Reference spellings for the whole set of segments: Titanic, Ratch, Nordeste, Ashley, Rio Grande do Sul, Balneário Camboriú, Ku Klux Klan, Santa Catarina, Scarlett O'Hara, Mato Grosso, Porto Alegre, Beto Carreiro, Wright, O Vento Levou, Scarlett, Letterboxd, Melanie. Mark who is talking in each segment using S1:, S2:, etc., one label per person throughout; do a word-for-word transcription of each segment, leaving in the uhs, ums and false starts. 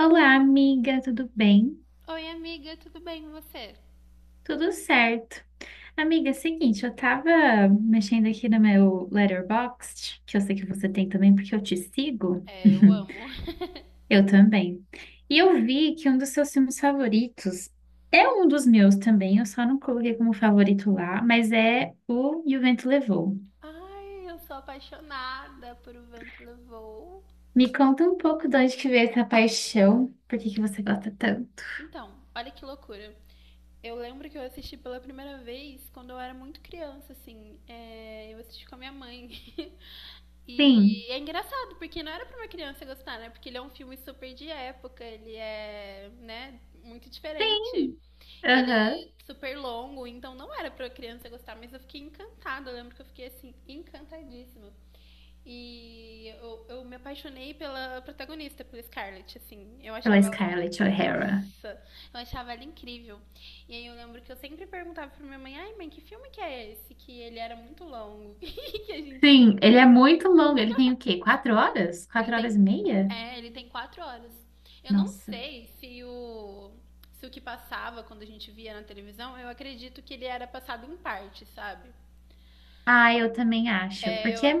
S1: Olá, amiga, tudo bem?
S2: Oi, amiga, tudo bem com você?
S1: Tudo certo. Amiga, é o seguinte, eu tava mexendo aqui no meu Letterboxd, que eu sei que você tem também, porque eu te sigo.
S2: É, eu amo.
S1: Eu também. E eu vi que um dos seus filmes favoritos é um dos meus também, eu só não coloquei como favorito lá, mas é o E o Vento Levou.
S2: Ai, eu sou apaixonada por O Vento Levou.
S1: Me conta um pouco de onde que veio essa paixão, por que que você gosta tanto?
S2: Então, olha que loucura. Eu lembro que eu assisti pela primeira vez quando eu era muito criança, assim. É, eu assisti com a minha mãe.
S1: Sim,
S2: E é engraçado, porque não era pra uma criança gostar, né? Porque ele é um filme super de época, ele é, né, muito diferente.
S1: sim,
S2: E ele é
S1: aham.
S2: super longo, então não era pra criança gostar, mas eu fiquei encantada. Eu lembro que eu fiquei, assim, encantadíssima. E eu, eu me apaixonei pela protagonista, pela Scarlett, assim. Eu
S1: Pela
S2: achava ela,
S1: Scarlett O'Hara.
S2: nossa, eu achava ela incrível. E aí eu lembro que eu sempre perguntava pra minha mãe: ai, mãe, que filme que é esse? Que ele era muito longo. Que a gente.
S1: Sim, ele é muito longo. Ele tem o quê? Quatro horas?
S2: Ele
S1: Quatro horas
S2: tem.
S1: e meia?
S2: É, ele tem quatro horas. Eu não
S1: Nossa.
S2: sei se o. Se o que passava quando a gente via na televisão, eu acredito que ele era passado em parte, sabe?
S1: Ah, eu também acho.
S2: É.
S1: Porque é-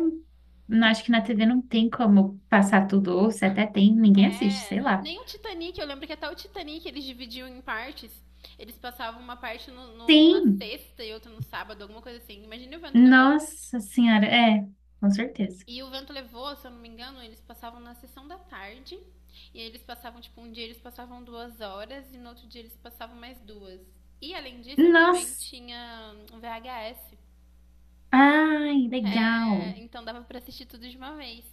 S1: não acho que na T V não tem como passar tudo, ou se até tem, ninguém assiste,
S2: É,
S1: sei lá.
S2: nem o Titanic, eu lembro que até o Titanic eles dividiam em partes. Eles passavam uma parte no, no- na
S1: Sim!
S2: sexta e outra no sábado, alguma coisa assim. Imagina O Vento Levou.
S1: Nossa Senhora, é, com certeza.
S2: E O Vento Levou, se eu não me engano, eles passavam na sessão da tarde. E eles passavam, tipo, um dia eles passavam duas horas e no outro dia eles passavam mais duas. E além disso, a minha mãe
S1: Nossa!
S2: tinha um V H S.
S1: Ai, legal!
S2: É, então dava pra assistir tudo de uma vez.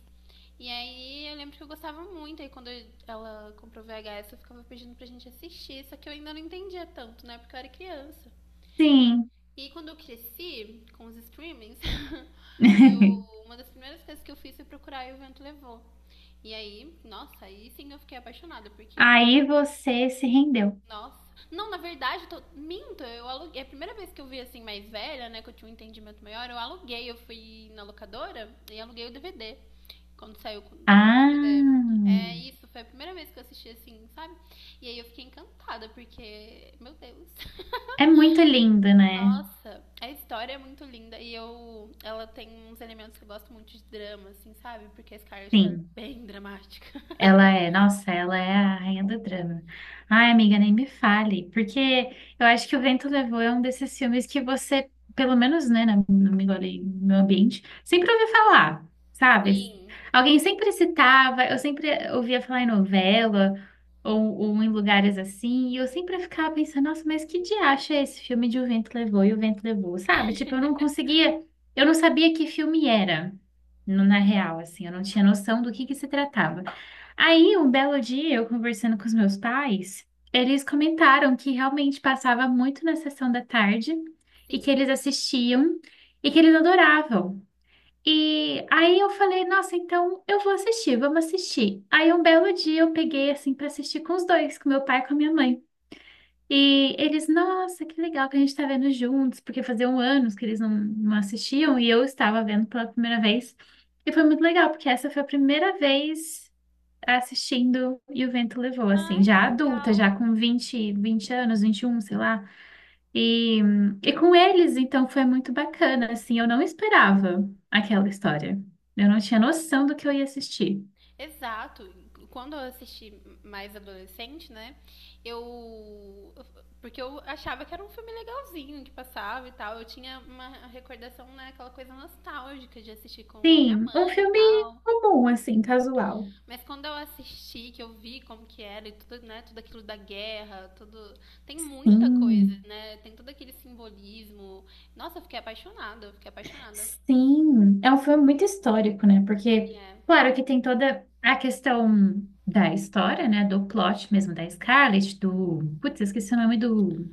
S2: E aí eu lembro que eu gostava muito. Aí quando eu- ela comprou V H S, eu ficava pedindo pra gente assistir. Só que eu ainda não entendia tanto, né? Porque eu era criança.
S1: Sim!
S2: E quando eu cresci com os streamings, eu, uma das primeiras coisas que eu fiz foi procurar E o Vento Levou. E aí, nossa, aí sim eu fiquei apaixonada, porque
S1: Aí você se rendeu.
S2: nossa. Não, na verdade, eu tô... minto, eu aluguei. É a primeira vez que eu vi assim, mais velha, né, que eu tinha um entendimento maior, eu aluguei, eu fui na locadora e aluguei o D V D. Quando saiu com o D V D.
S1: Ah!
S2: É isso, foi a primeira vez que eu assisti assim, sabe? E aí eu fiquei encantada, porque, meu Deus.
S1: É muito lindo, né?
S2: Nossa, a história é muito linda e eu, ela tem uns elementos que eu gosto muito de drama, assim, sabe? Porque a Scarlett ela é
S1: Sim.
S2: bem dramática.
S1: Ela é, nossa, ela é a rainha do drama. Ai, amiga, nem me fale, porque eu acho que O Vento Levou é um desses filmes que você, pelo menos, né, na- no meu, ali, no meu ambiente, sempre ouviu falar, sabe?
S2: Sim,
S1: Alguém sempre citava, eu sempre ouvia falar em novela ou, ou em lugares assim, e eu sempre ficava pensando, nossa, mas que diacho é esse filme de O Vento Levou e O Vento Levou, sabe? Tipo, eu não conseguia, eu não sabia que filme era, no- na real, assim, eu não tinha noção do que que se tratava. Aí, um belo dia, eu conversando com os meus pais, eles comentaram que realmente passava muito na sessão da tarde e
S2: sim.
S1: que eles assistiam e que eles adoravam. E aí eu falei, nossa, então eu vou assistir, vamos assistir. Aí um belo dia eu peguei assim para assistir com os dois, com meu pai e com a minha mãe. E eles, nossa, que legal que a gente tá vendo juntos, porque faziam anos que eles não, não assistiam e eu estava vendo pela primeira vez. E foi muito legal, porque essa foi a primeira vez tá assistindo E o Vento Levou, assim,
S2: Ai, que
S1: já adulta, já
S2: legal.
S1: com vinte vinte anos, vinte e um sei lá. E, e com eles, então, foi muito bacana, assim, eu não esperava aquela história. Eu não tinha noção do que eu ia assistir.
S2: Exato. Quando eu assisti mais adolescente, né? Eu. Porque eu achava que era um filme legalzinho que passava e tal. Eu tinha uma recordação, né? Aquela coisa nostálgica de assistir com a minha
S1: Sim, um
S2: mãe e
S1: filme
S2: tal.
S1: comum, assim, casual.
S2: Mas quando eu assisti, que eu vi como que era e tudo, né? Tudo aquilo da guerra, tudo. Tem muita coisa,
S1: Sim,
S2: né? Tem todo aquele simbolismo. Nossa, eu fiquei apaixonada, eu fiquei apaixonada.
S1: sim. É um filme muito histórico, né?
S2: Ele
S1: Porque,
S2: é.
S1: claro que tem toda a questão da história, né? Do plot mesmo da Scarlett, do... Putz, esqueci o nome do.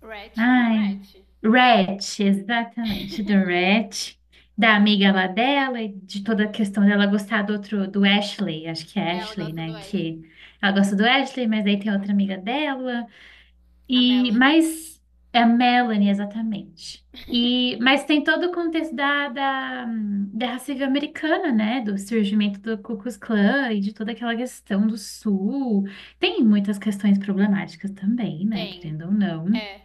S2: Ratch, não é
S1: Ai,
S2: Ratch?
S1: Ratch, exatamente, do Ratch, da amiga lá dela e de toda a questão dela gostar do outro, do Ashley, acho que é
S2: Ela
S1: Ashley,
S2: gosta do
S1: né?
S2: Ash.
S1: Que ela gosta do Ashley, mas aí tem outra amiga dela.
S2: A
S1: E,
S2: Melanie.
S1: mas é a Melanie, exatamente. E, mas tem todo o contexto da, da, hum, Guerra Civil Americana, né? Do surgimento do Ku Klux Klan e de toda aquela questão do Sul. Tem muitas questões problemáticas também, né?
S2: Tem.
S1: Querendo ou não.
S2: É.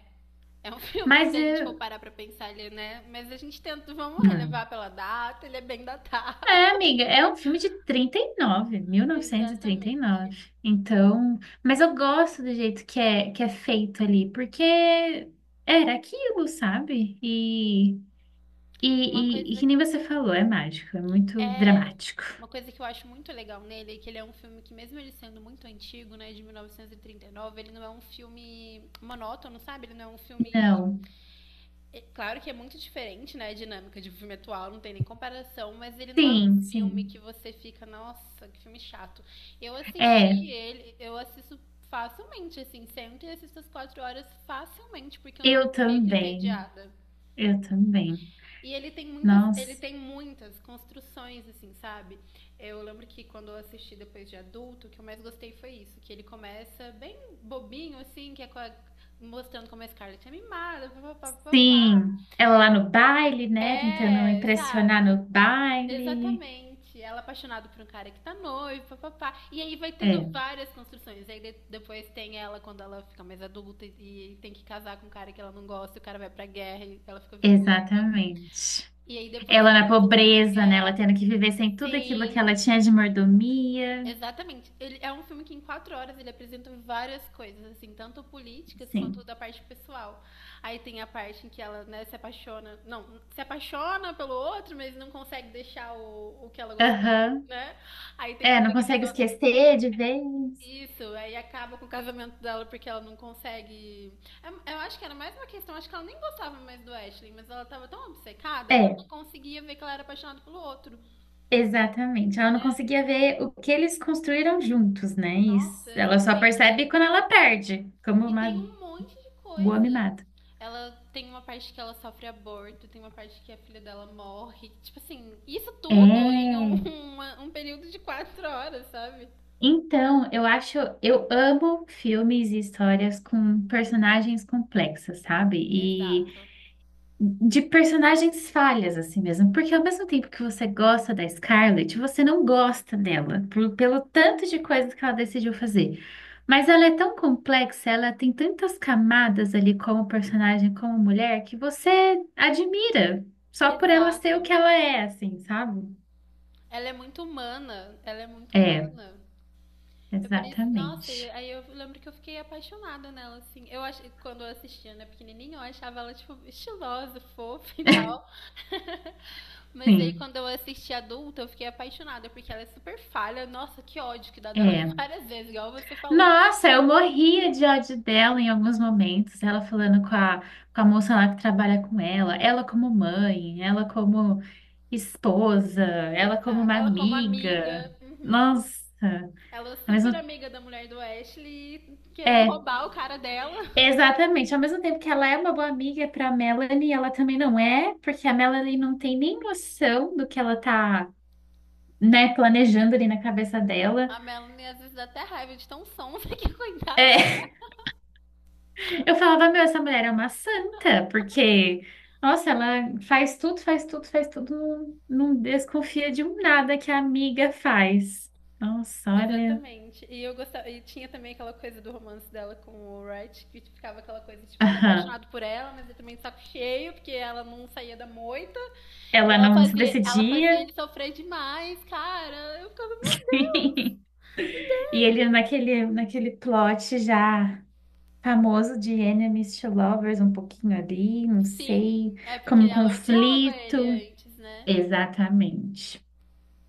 S2: É um filme que,
S1: Mas
S2: se a gente for
S1: eh,
S2: parar pra pensar ele, né? Mas a gente tenta, vamos
S1: É,
S2: relevar pela data, ele é bem datado.
S1: É, amiga, é um filme de trinta trinta e e nove, mil novecentos e trinta e
S2: Exatamente.
S1: nove. Então, mas eu gosto do jeito que é, que é feito ali, porque era aquilo, sabe? E,
S2: Uma
S1: e, e, e
S2: coisa
S1: que nem você falou, é mágico, é muito
S2: é.
S1: dramático.
S2: Uma coisa que eu acho muito legal nele é que ele é um filme que, mesmo ele sendo muito antigo, né, de mil novecentos e trinta e nove, ele não é um filme monótono, sabe? Ele não é um filme.
S1: Não.
S2: É claro que é muito diferente, né? A dinâmica de um filme atual, não tem nem comparação, mas ele não é um
S1: Sim,
S2: filme
S1: sim.
S2: que você fica, nossa, que filme chato. Eu
S1: É,
S2: assisti ele, eu assisto facilmente, assim, sempre assisto as quatro horas facilmente, porque eu não
S1: eu
S2: fico
S1: também.
S2: entediada.
S1: Eu também.
S2: E ele tem muitas, ele
S1: Nossa,
S2: tem muitas construções, assim, sabe? Eu lembro que quando eu assisti depois de adulto, o que eu mais gostei foi isso, que ele começa bem bobinho, assim, que é com a- mostrando como a Scarlett é mimada, papapá.
S1: sim. Ela lá no baile, né? Tentando
S2: É, sabe?
S1: impressionar no baile.
S2: Exatamente. Ela é apaixonada por um cara que tá noivo, papapá. E aí vai tendo
S1: É,
S2: várias construções. Aí de- depois tem ela quando ela fica mais adulta e e tem que casar com um cara que ela não gosta, e o cara vai pra guerra e ela fica viúva.
S1: exatamente.
S2: E aí depois
S1: Ela
S2: da
S1: na
S2: construção da
S1: pobreza, né? Ela
S2: guerra.
S1: tendo que viver sem tudo aquilo que ela
S2: Sim.
S1: tinha de mordomia.
S2: Exatamente. Ele é um filme que em quatro horas ele apresenta várias coisas, assim, tanto políticas quanto
S1: Sim.
S2: da parte pessoal. Aí tem a parte em que ela, né, se apaixona. Não, se apaixona pelo outro, mas não consegue deixar o, o que ela gostava,
S1: Aham.
S2: né? Aí tem
S1: É,
S2: todo
S1: não
S2: aquele
S1: consegue
S2: negócio.
S1: esquecer de vez.
S2: Isso, aí acaba com o casamento dela porque ela não consegue. É- Eu acho que era mais uma questão, acho que ela nem gostava mais do Ashley, mas ela tava tão obcecada que ela
S1: É,
S2: não conseguia ver que ela era apaixonada pelo outro.
S1: exatamente. Ela não conseguia ver o que eles construíram juntos, né?
S2: Nossa,
S1: Isso. Ela só
S2: exatamente.
S1: percebe quando ela perde, como
S2: E tem
S1: uma
S2: um monte de
S1: boa
S2: coisa.
S1: mimada.
S2: Ela tem uma parte que ela sofre aborto, tem uma parte que a filha dela morre. Tipo assim, isso tudo em
S1: É.
S2: um, uma- um período de quatro horas, sabe?
S1: Então, eu acho, eu amo filmes e histórias com personagens complexas, sabe?
S2: Exato.
S1: De personagens falhas, assim mesmo. Porque ao mesmo tempo que você gosta da Scarlett, você não gosta dela, por- pelo tanto de coisas que ela decidiu fazer. Mas ela é tão complexa, ela tem tantas camadas ali como personagem, como mulher, que você admira só por ela ser o
S2: Exato.
S1: que ela é, assim, sabe?
S2: Ela é muito humana. Ela é muito
S1: É,
S2: humana. É por isso, nossa, e
S1: exatamente.
S2: aí eu lembro que eu fiquei apaixonada nela, assim. Eu ach... quando eu assistia, né, pequenininha, eu achava ela, tipo, estilosa, fofa e tal. Mas aí
S1: Sim,
S2: quando eu assisti adulta, eu fiquei apaixonada, porque ela é super falha. Nossa, que ódio que dá dela
S1: é.
S2: várias vezes, igual você falou.
S1: Nossa, eu morria de ódio dela em alguns momentos. Ela falando com a, com a moça lá que trabalha com ela, ela como mãe, ela como esposa, ela como
S2: Exato.
S1: uma
S2: Ela como amiga.
S1: amiga.
S2: Uhum.
S1: Nossa,
S2: Ela é
S1: ao
S2: super
S1: mesmo,
S2: amiga da mulher do Ashley, querendo
S1: é,
S2: roubar o cara dela.
S1: exatamente. Ao mesmo tempo que ela é uma boa amiga para Melanie, ela também não é, porque a Melanie não tem nem noção do que ela tá, né, planejando ali na cabeça dela.
S2: A Melanie às vezes dá até raiva de tão sonsa que coitada.
S1: É. Eu falava, meu, essa mulher é uma santa, porque, nossa, ela faz tudo, faz tudo, faz tudo, não, não desconfia de um nada que a amiga faz. Nossa, olha.
S2: Exatamente. E eu gostava, e tinha também aquela coisa do romance dela com o Wright, que ficava aquela coisa, tipo, ele é
S1: Aham.
S2: apaixonado por ela, mas ele também de saco cheio, porque ela não saía da moita. E
S1: Ela
S2: ela
S1: não se
S2: fazia, ela fazia
S1: decidia.
S2: ele sofrer demais, cara. Eu ficava, meu Deus.
S1: E ele naquele, naquele plot já famoso de enemies to lovers, um pouquinho ali, não
S2: Sim,
S1: sei,
S2: é porque
S1: como um
S2: ela odiava
S1: conflito.
S2: ele antes, né?
S1: Exatamente.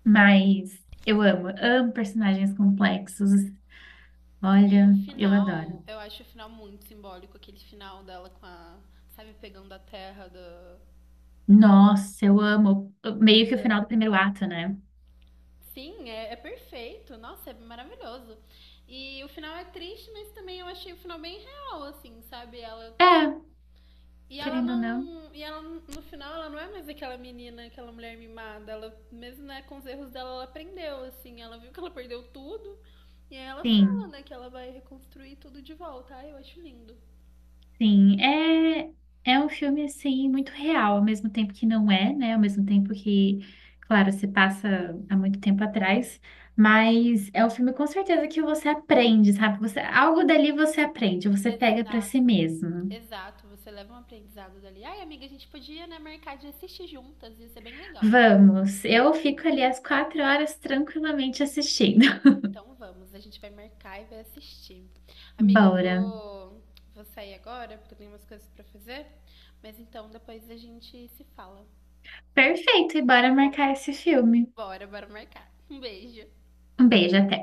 S1: Mas eu amo, amo personagens complexos.
S2: E
S1: Olha,
S2: o
S1: eu
S2: final,
S1: adoro.
S2: eu acho o final muito simbólico, aquele final dela com a, sabe, pegando a terra do.
S1: Nossa, eu amo. Meio que o final do primeiro ato, né?
S2: Sim, é, é perfeito. Nossa, é maravilhoso. E o final é triste, mas também eu achei o final bem real, assim, sabe? Ela
S1: É,
S2: e ela
S1: querendo ou não.
S2: não. E ela, no final, ela não é mais aquela menina, aquela mulher mimada. Ela, mesmo né, com os erros dela, ela aprendeu, assim. Ela viu que ela perdeu tudo. E aí ela fala,
S1: Sim,
S2: né, que ela vai reconstruir tudo de volta. Ai, eu acho lindo.
S1: sim. É, é um filme, assim, muito real, ao mesmo tempo que não é, né? Ao mesmo tempo que, claro, se passa há muito tempo atrás, mas é um filme com certeza que você aprende, sabe? Você, algo dali você aprende, você pega para si
S2: Exato.
S1: mesmo.
S2: Exato. Você leva um aprendizado dali. Ai, amiga, a gente podia, né, marcar de assistir juntas. Ia ser bem legal.
S1: Vamos, eu fico ali às quatro horas tranquilamente assistindo.
S2: Então vamos, a gente vai marcar e vai assistir. Amiga, eu
S1: Bora.
S2: vou, vou sair agora, porque eu tenho umas coisas pra fazer. Mas então depois a gente se fala, tá
S1: Perfeito, e bora
S2: bom?
S1: marcar esse filme.
S2: Bora, bora marcar. Um beijo.
S1: Um beijo, até.